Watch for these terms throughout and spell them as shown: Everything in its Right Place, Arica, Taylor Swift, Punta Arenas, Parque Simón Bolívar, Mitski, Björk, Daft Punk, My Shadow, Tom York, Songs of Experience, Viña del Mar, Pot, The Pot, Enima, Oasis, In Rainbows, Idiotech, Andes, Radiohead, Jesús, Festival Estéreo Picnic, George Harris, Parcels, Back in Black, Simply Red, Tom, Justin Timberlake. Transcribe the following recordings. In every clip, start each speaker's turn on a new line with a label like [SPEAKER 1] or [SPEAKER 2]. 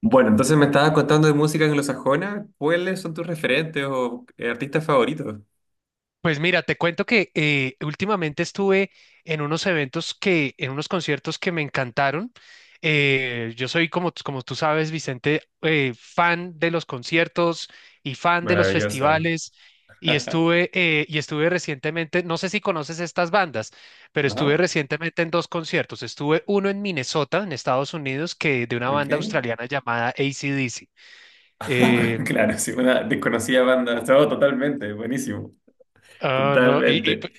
[SPEAKER 1] Bueno, entonces me estabas contando de música anglosajona. ¿Cuáles son tus referentes o artistas favoritos?
[SPEAKER 2] Pues mira, te cuento que últimamente estuve en unos eventos en unos conciertos que me encantaron. Yo soy, como, como tú sabes, Vicente, fan de los conciertos y fan de los
[SPEAKER 1] Maravilloso.
[SPEAKER 2] festivales. Y estuve recientemente, no sé si conoces estas bandas, pero estuve
[SPEAKER 1] Ajá,
[SPEAKER 2] recientemente en dos conciertos. Estuve uno en Minnesota, en Estados Unidos, que de una
[SPEAKER 1] ok.
[SPEAKER 2] banda australiana llamada AC/DC. Em,
[SPEAKER 1] Claro, sí, una desconocida banda. Todo totalmente, buenísimo.
[SPEAKER 2] ah, no, y-
[SPEAKER 1] Totalmente.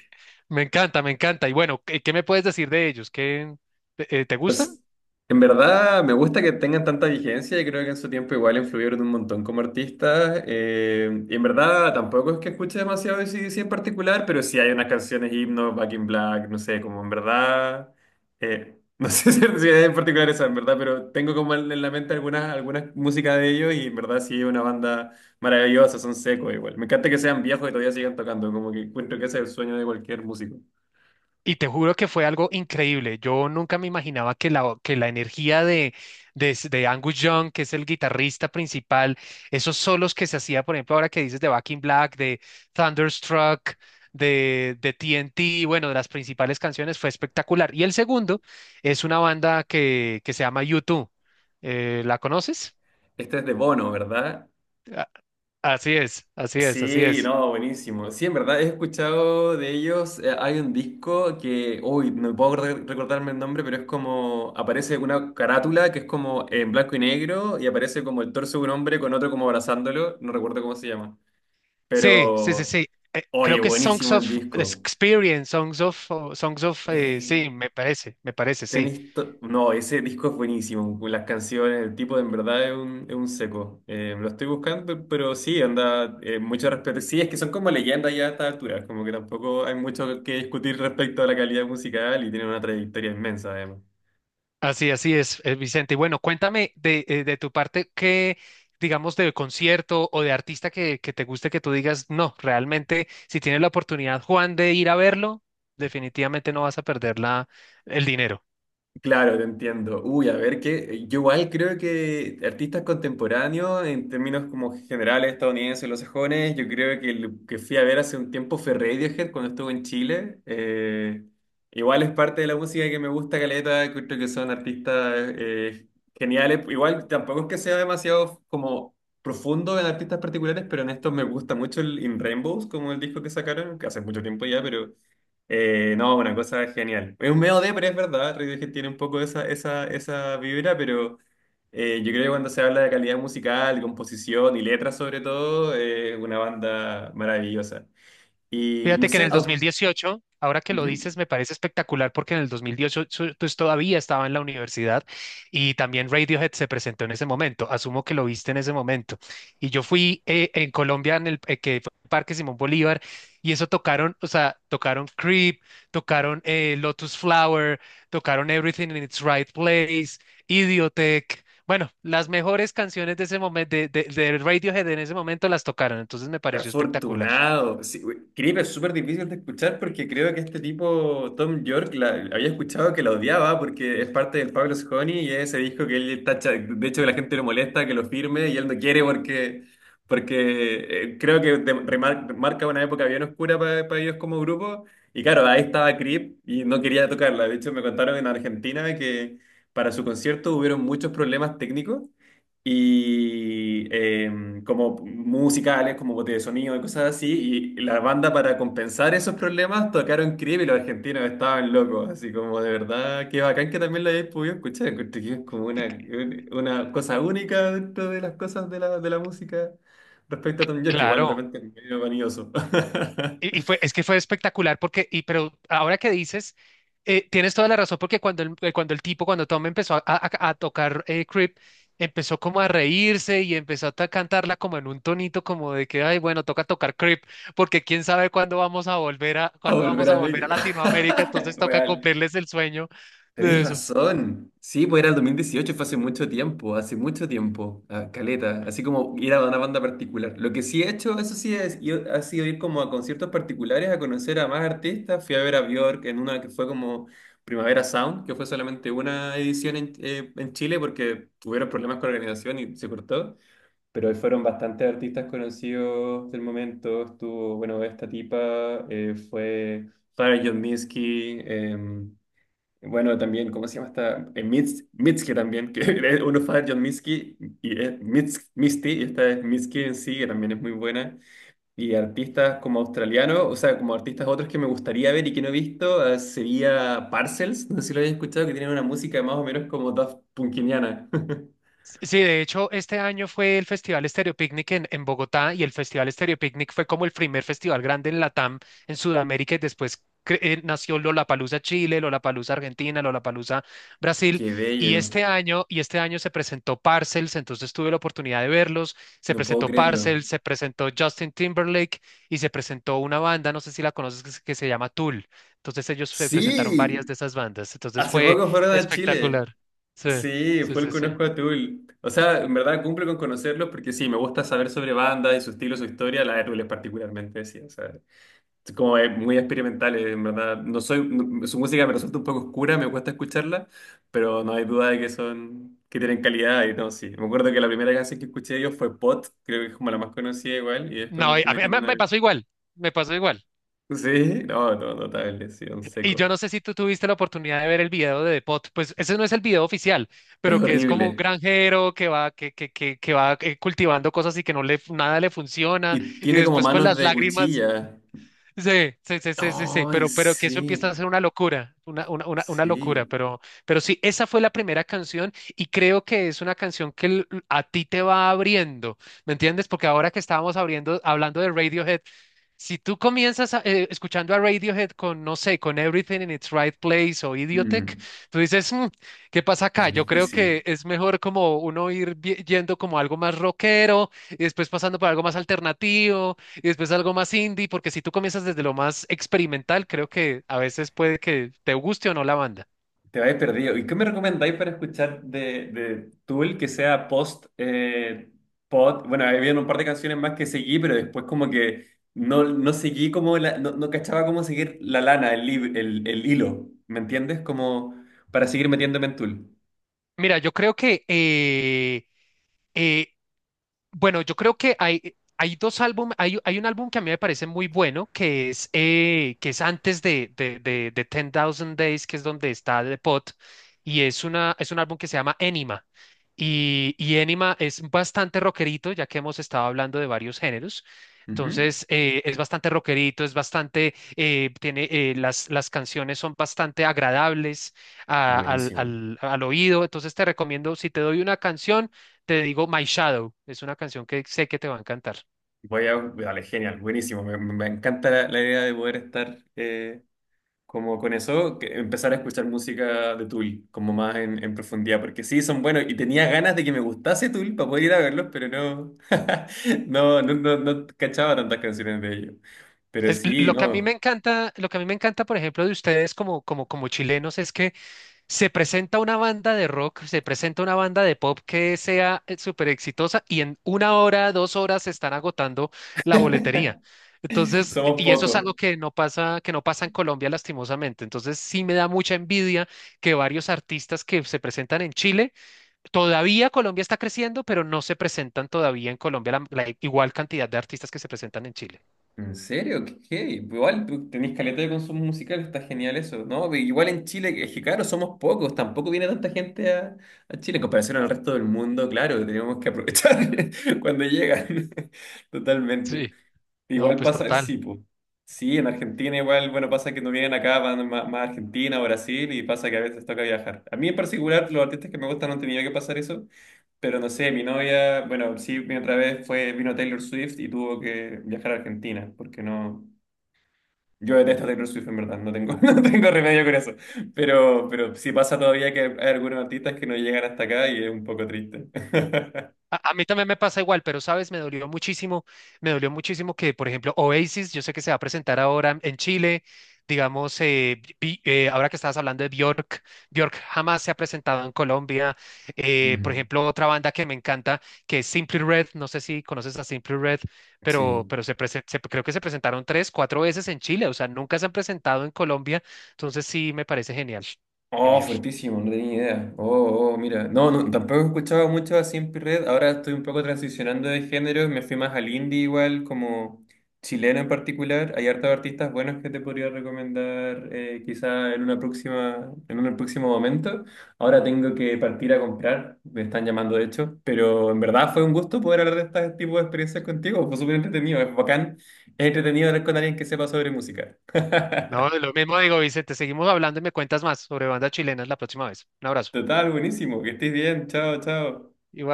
[SPEAKER 2] Me encanta, me encanta. Y bueno, ¿qué, qué me puedes decir de ellos? ¿Qué, te te gustan?
[SPEAKER 1] Pues en verdad me gusta que tengan tanta vigencia y creo que en su tiempo igual influyeron un montón como artistas. Y en verdad tampoco es que escuche demasiado de AC/DC en particular, pero sí hay unas canciones, himnos, Back in Black, no sé, como en verdad, no sé si es en particular esa, en verdad, pero tengo como en la mente algunas música de ellos y en verdad sí es una banda maravillosa, son secos igual. Me encanta que sean viejos y todavía sigan tocando, como que encuentro que ese es el sueño de cualquier músico.
[SPEAKER 2] Y te juro que fue algo increíble. Yo nunca me imaginaba que que la energía de Angus Young, que es el guitarrista principal, esos solos que se hacía, por ejemplo, ahora que dices de Back in Black, de Thunderstruck, de TNT, bueno, de las principales canciones, fue espectacular. Y el segundo es una banda que se llama U2. ¿La conoces?
[SPEAKER 1] Este es de Bono, ¿verdad?
[SPEAKER 2] A- Así es, así es, así
[SPEAKER 1] Sí,
[SPEAKER 2] es.
[SPEAKER 1] no, buenísimo. Sí, en verdad, he escuchado de ellos, hay un disco que, uy, no puedo recordarme el nombre, pero es como, aparece una carátula que es como en blanco y negro y aparece como el torso de un hombre con otro como abrazándolo, no recuerdo cómo se llama.
[SPEAKER 2] Sí, sí, sí,
[SPEAKER 1] Pero,
[SPEAKER 2] sí. Creo
[SPEAKER 1] oye,
[SPEAKER 2] que Songs
[SPEAKER 1] buenísimo
[SPEAKER 2] of
[SPEAKER 1] el disco.
[SPEAKER 2] Experience, Songs of, sí, me parece, sí.
[SPEAKER 1] No, ese disco es buenísimo. Las canciones, el tipo de en verdad es es un seco. Lo estoy buscando, pero sí, anda, mucho respeto. Sí, es que son como leyendas ya a estas alturas, como que tampoco hay mucho que discutir respecto a la calidad musical y tienen una trayectoria inmensa además.
[SPEAKER 2] Así, así es, Vicente. Y bueno, cuéntame de tu parte qué, digamos, de concierto o de artista que te guste que tú digas, no, realmente, si tienes la oportunidad, Juan, de ir a verlo, definitivamente no vas a perder el dinero.
[SPEAKER 1] Claro, te entiendo. Uy, a ver, que yo igual creo que artistas contemporáneos, en términos como generales estadounidenses, los sajones, yo creo que el que fui a ver hace un tiempo fue Radiohead cuando estuve en Chile. Igual es parte de la música que me gusta, caleta, creo que son artistas geniales. Igual tampoco es que sea demasiado como profundo en artistas particulares, pero en estos me gusta mucho el In Rainbows, como el disco que sacaron, que hace mucho tiempo ya, pero... No, una cosa genial. Es un medio de, pero es verdad, Radiohead tiene un poco esa vibra, pero yo creo que cuando se habla de calidad musical, de composición y letras sobre todo, es una banda maravillosa. Y no
[SPEAKER 2] Fíjate que en
[SPEAKER 1] sé,
[SPEAKER 2] el 2018, ahora que lo
[SPEAKER 1] Ujú.
[SPEAKER 2] dices, me parece espectacular porque en el 2018 pues todavía estaba en la universidad y también Radiohead se presentó en ese momento. Asumo que lo viste en ese momento. Y yo fui en Colombia en el que fue el Parque Simón Bolívar y eso tocaron, o sea, tocaron Creep, tocaron Lotus Flower, tocaron Everything in its Right Place, Idiotech. Bueno, las mejores canciones de ese momento de Radiohead en ese momento las tocaron, entonces me pareció espectacular.
[SPEAKER 1] Afortunado. Sí, güey, Creep es súper difícil de escuchar porque creo que este tipo, Tom York, había escuchado que la odiaba porque es parte del Pablo's Honey y ese disco que él tacha. De hecho, la gente lo molesta que lo firme y él no quiere porque, porque creo que marca una época bien oscura para ellos como grupo. Y claro, ahí estaba Creep y no quería tocarla. De hecho, me contaron en Argentina que para su concierto hubieron muchos problemas técnicos y como musicales, como botes de sonido y cosas así. Y la banda para compensar esos problemas tocaron Creep y los argentinos estaban locos, así como de verdad, qué bacán que también lo hayáis podido escuchar. Encuentro que es como una cosa única dentro de las cosas de de la música respecto a Tom York, que igual de
[SPEAKER 2] Claro.
[SPEAKER 1] repente es medio vanidoso.
[SPEAKER 2] Y fue, es que fue espectacular porque, y, pero ahora que dices, tienes toda la razón porque cuando cuando el tipo, cuando Tom empezó a tocar Creep, empezó como a reírse y empezó a cantarla como en un tonito como de que, ay, bueno, toca tocar Creep porque quién sabe cuándo vamos a volver a,
[SPEAKER 1] A
[SPEAKER 2] cuándo
[SPEAKER 1] volver
[SPEAKER 2] vamos a
[SPEAKER 1] a
[SPEAKER 2] volver a
[SPEAKER 1] México.
[SPEAKER 2] Latinoamérica, entonces toca
[SPEAKER 1] Real.
[SPEAKER 2] cumplirles el sueño
[SPEAKER 1] Tenéis
[SPEAKER 2] de eso.
[SPEAKER 1] razón. Sí, pues era el 2018 fue hace mucho tiempo, a caleta, así como ir a una banda particular. Lo que sí he hecho, eso sí, ha sido ir como a conciertos particulares, a conocer a más artistas. Fui a ver a Björk en una que fue como Primavera Sound, que fue solamente una edición en Chile porque tuvieron problemas con la organización y se cortó. Pero ahí fueron bastantes artistas conocidos del momento. Estuvo, bueno, esta tipa fue... Farah John Minsky, bueno, también, ¿cómo se llama esta? Mitski también, que uno fue John Mitski y es Misty, y esta es Mitski en sí, que también es muy buena. Y artistas como australianos, o sea, como artistas otros que me gustaría ver y que no he visto, sería Parcels, no sé si lo habéis escuchado, que tiene una música más o menos como Daft Punkiniana.
[SPEAKER 2] Sí, de hecho, este año fue el Festival Estéreo Picnic en Bogotá y el Festival Estéreo Picnic fue como el primer festival grande en Latam, en Sudamérica y después nació Lollapalooza Chile, Lollapalooza Argentina, Lollapalooza Brasil
[SPEAKER 1] Qué
[SPEAKER 2] y
[SPEAKER 1] bello,
[SPEAKER 2] este año se presentó Parcels, entonces tuve la oportunidad de verlos, se
[SPEAKER 1] no puedo
[SPEAKER 2] presentó
[SPEAKER 1] creerlo.
[SPEAKER 2] Parcels, se presentó Justin Timberlake y se presentó una banda, no sé si la conoces, que se llama Tool. Entonces ellos se presentaron varias
[SPEAKER 1] Sí,
[SPEAKER 2] de esas bandas, entonces
[SPEAKER 1] hace
[SPEAKER 2] fue
[SPEAKER 1] poco fueron a Chile.
[SPEAKER 2] espectacular. Sí,
[SPEAKER 1] Sí,
[SPEAKER 2] sí,
[SPEAKER 1] fue el
[SPEAKER 2] sí, sí.
[SPEAKER 1] Conozco a Tool. O sea, en verdad cumple con conocerlos porque sí, me gusta saber sobre bandas y su estilo, su historia, la de Tool es particularmente, sí. O sea, es muy experimental, en verdad. No soy, no- su música me resulta un poco oscura, me cuesta escucharla, pero no hay duda de que que tienen calidad y no, sí. Me acuerdo que la primera canción que escuché de ellos fue Pot, creo que es como la más conocida igual, y después
[SPEAKER 2] No,
[SPEAKER 1] me fui
[SPEAKER 2] a mí
[SPEAKER 1] metiendo en
[SPEAKER 2] me
[SPEAKER 1] algo.
[SPEAKER 2] pasó igual, me pasó igual.
[SPEAKER 1] Sí, no, no, notable, sí, un
[SPEAKER 2] Y yo
[SPEAKER 1] seco.
[SPEAKER 2] no sé si tú tuviste la oportunidad de ver el video de Depot, pues ese no es el video oficial,
[SPEAKER 1] Es
[SPEAKER 2] pero que es como un
[SPEAKER 1] horrible.
[SPEAKER 2] granjero que va, que va cultivando cosas y que no le, nada le funciona,
[SPEAKER 1] Y
[SPEAKER 2] y
[SPEAKER 1] tiene como
[SPEAKER 2] después con
[SPEAKER 1] manos
[SPEAKER 2] las
[SPEAKER 1] de
[SPEAKER 2] lágrimas.
[SPEAKER 1] cuchilla.
[SPEAKER 2] Sí, sí, sí, sí, sí, sí,
[SPEAKER 1] Oh,
[SPEAKER 2] pero que eso empieza
[SPEAKER 1] sí.
[SPEAKER 2] a ser una locura, una locura,
[SPEAKER 1] Sí,
[SPEAKER 2] pero sí, esa fue la primera canción y creo que es una canción que a ti te va abriendo, ¿me entiendes? Porque ahora que estábamos abriendo, hablando de Radiohead, si tú comienzas escuchando a Radiohead con, no sé, con Everything in its Right Place o Idiotech,
[SPEAKER 1] Mm,
[SPEAKER 2] tú dices, "Mm, ¿qué pasa
[SPEAKER 1] es
[SPEAKER 2] acá?" Yo creo que
[SPEAKER 1] difícil.
[SPEAKER 2] es mejor como uno ir yendo como algo más rockero y después pasando por algo más alternativo y después algo más indie, porque si tú comienzas desde lo más experimental, creo que a veces puede que te guste o no la banda.
[SPEAKER 1] Te vais perdido. ¿Y qué me recomendáis para escuchar de Tool que sea post pod? Bueno, había un par de canciones más que seguí, pero después como que no seguí como no, no cachaba cómo seguir la lana, el hilo. ¿Me entiendes? Como para seguir metiéndome en Tool.
[SPEAKER 2] Mira, yo creo que eh, bueno, yo creo que hay, hay dos álbumes, hay un álbum que a mí me parece muy bueno, que es antes de ten Thousand Days, que es donde está The Pot, y es, una, es un álbum que se llama Enima. Y Enima es bastante rockerito, ya que hemos estado hablando de varios géneros.
[SPEAKER 1] Ujú.
[SPEAKER 2] Entonces, es bastante rockerito, es bastante, tiene, las canciones son bastante agradables
[SPEAKER 1] Buenísimo.
[SPEAKER 2] al oído. Entonces, te recomiendo, si te doy una canción, te digo My Shadow, es una canción que sé que te va a encantar.
[SPEAKER 1] Vale, genial, buenísimo. Me encanta la idea de poder estar como con eso, que empezar a escuchar música de Tool, como más en profundidad, porque sí, son buenos, y tenía ganas de que me gustase Tool para poder ir a verlos, pero no, no cachaba tantas canciones de ellos. Pero
[SPEAKER 2] Es,
[SPEAKER 1] sí,
[SPEAKER 2] lo que a mí me
[SPEAKER 1] no,
[SPEAKER 2] encanta, lo que a mí me encanta, por ejemplo, de ustedes como chilenos es que se presenta una banda de rock, se presenta una banda de pop que sea súper exitosa y en una hora, dos horas se están agotando la boletería. Entonces,
[SPEAKER 1] somos
[SPEAKER 2] y eso es algo
[SPEAKER 1] pocos.
[SPEAKER 2] que no pasa en Colombia lastimosamente. Entonces, sí me da mucha envidia que varios artistas que se presentan en Chile. Todavía Colombia está creciendo, pero no se presentan todavía en Colombia la igual cantidad de artistas que se presentan en Chile.
[SPEAKER 1] ¿En serio? ¿Qué? Igual tú tenés caleta de consumo musical, está genial eso, ¿no? Pero igual en Chile, es que claro, somos pocos, tampoco viene tanta gente a Chile en comparación al resto del mundo, claro, tenemos que aprovechar cuando llegan, totalmente.
[SPEAKER 2] Sí, no,
[SPEAKER 1] Igual
[SPEAKER 2] pues
[SPEAKER 1] pasa,
[SPEAKER 2] total.
[SPEAKER 1] sí, pues. Sí, en Argentina igual, bueno, pasa que no vienen acá, más, a Argentina o Brasil y pasa que a veces toca viajar. A mí en particular, los artistas que me gustan no han tenido que pasar eso, pero no sé, mi novia, bueno, sí, mi otra vez fue, vino Taylor Swift y tuvo que viajar a Argentina, porque no, yo detesto a Taylor Swift en verdad, no tengo remedio con eso, pero sí pasa todavía que hay algunos artistas que no llegan hasta acá y es un poco triste.
[SPEAKER 2] A mí también me pasa igual, pero sabes, me dolió muchísimo que, por ejemplo, Oasis, yo sé que se va a presentar ahora en Chile, digamos, ahora que estabas hablando de Björk, Björk jamás se ha presentado en Colombia. Por
[SPEAKER 1] Mm,
[SPEAKER 2] ejemplo, otra banda que me encanta, que es Simply Red, no sé si conoces a Simply Red,
[SPEAKER 1] sí.
[SPEAKER 2] pero creo que se presentaron tres, cuatro veces en Chile, o sea, nunca se han presentado en Colombia, entonces sí, me parece genial,
[SPEAKER 1] Oh,
[SPEAKER 2] genial.
[SPEAKER 1] fuertísimo, no tenía ni idea. Oh, oh, mira. No, no, tampoco escuchaba mucho a Simply Red. Ahora estoy un poco transicionando de género. Me fui más al indie igual, como chileno en particular. Hay hartos artistas buenos que te podría recomendar quizá en una próxima, en un próximo momento. Ahora tengo que partir a comprar. Me están llamando, de hecho. Pero en verdad fue un gusto poder hablar de este tipo de experiencias contigo. Fue súper entretenido. Es bacán. Es entretenido hablar con alguien que sepa sobre música.
[SPEAKER 2] No, lo mismo digo, Vicente. Seguimos hablando y me cuentas más sobre bandas chilenas la próxima vez. Un abrazo.
[SPEAKER 1] Total, buenísimo. Que estés bien. Chao, chao.
[SPEAKER 2] Igual.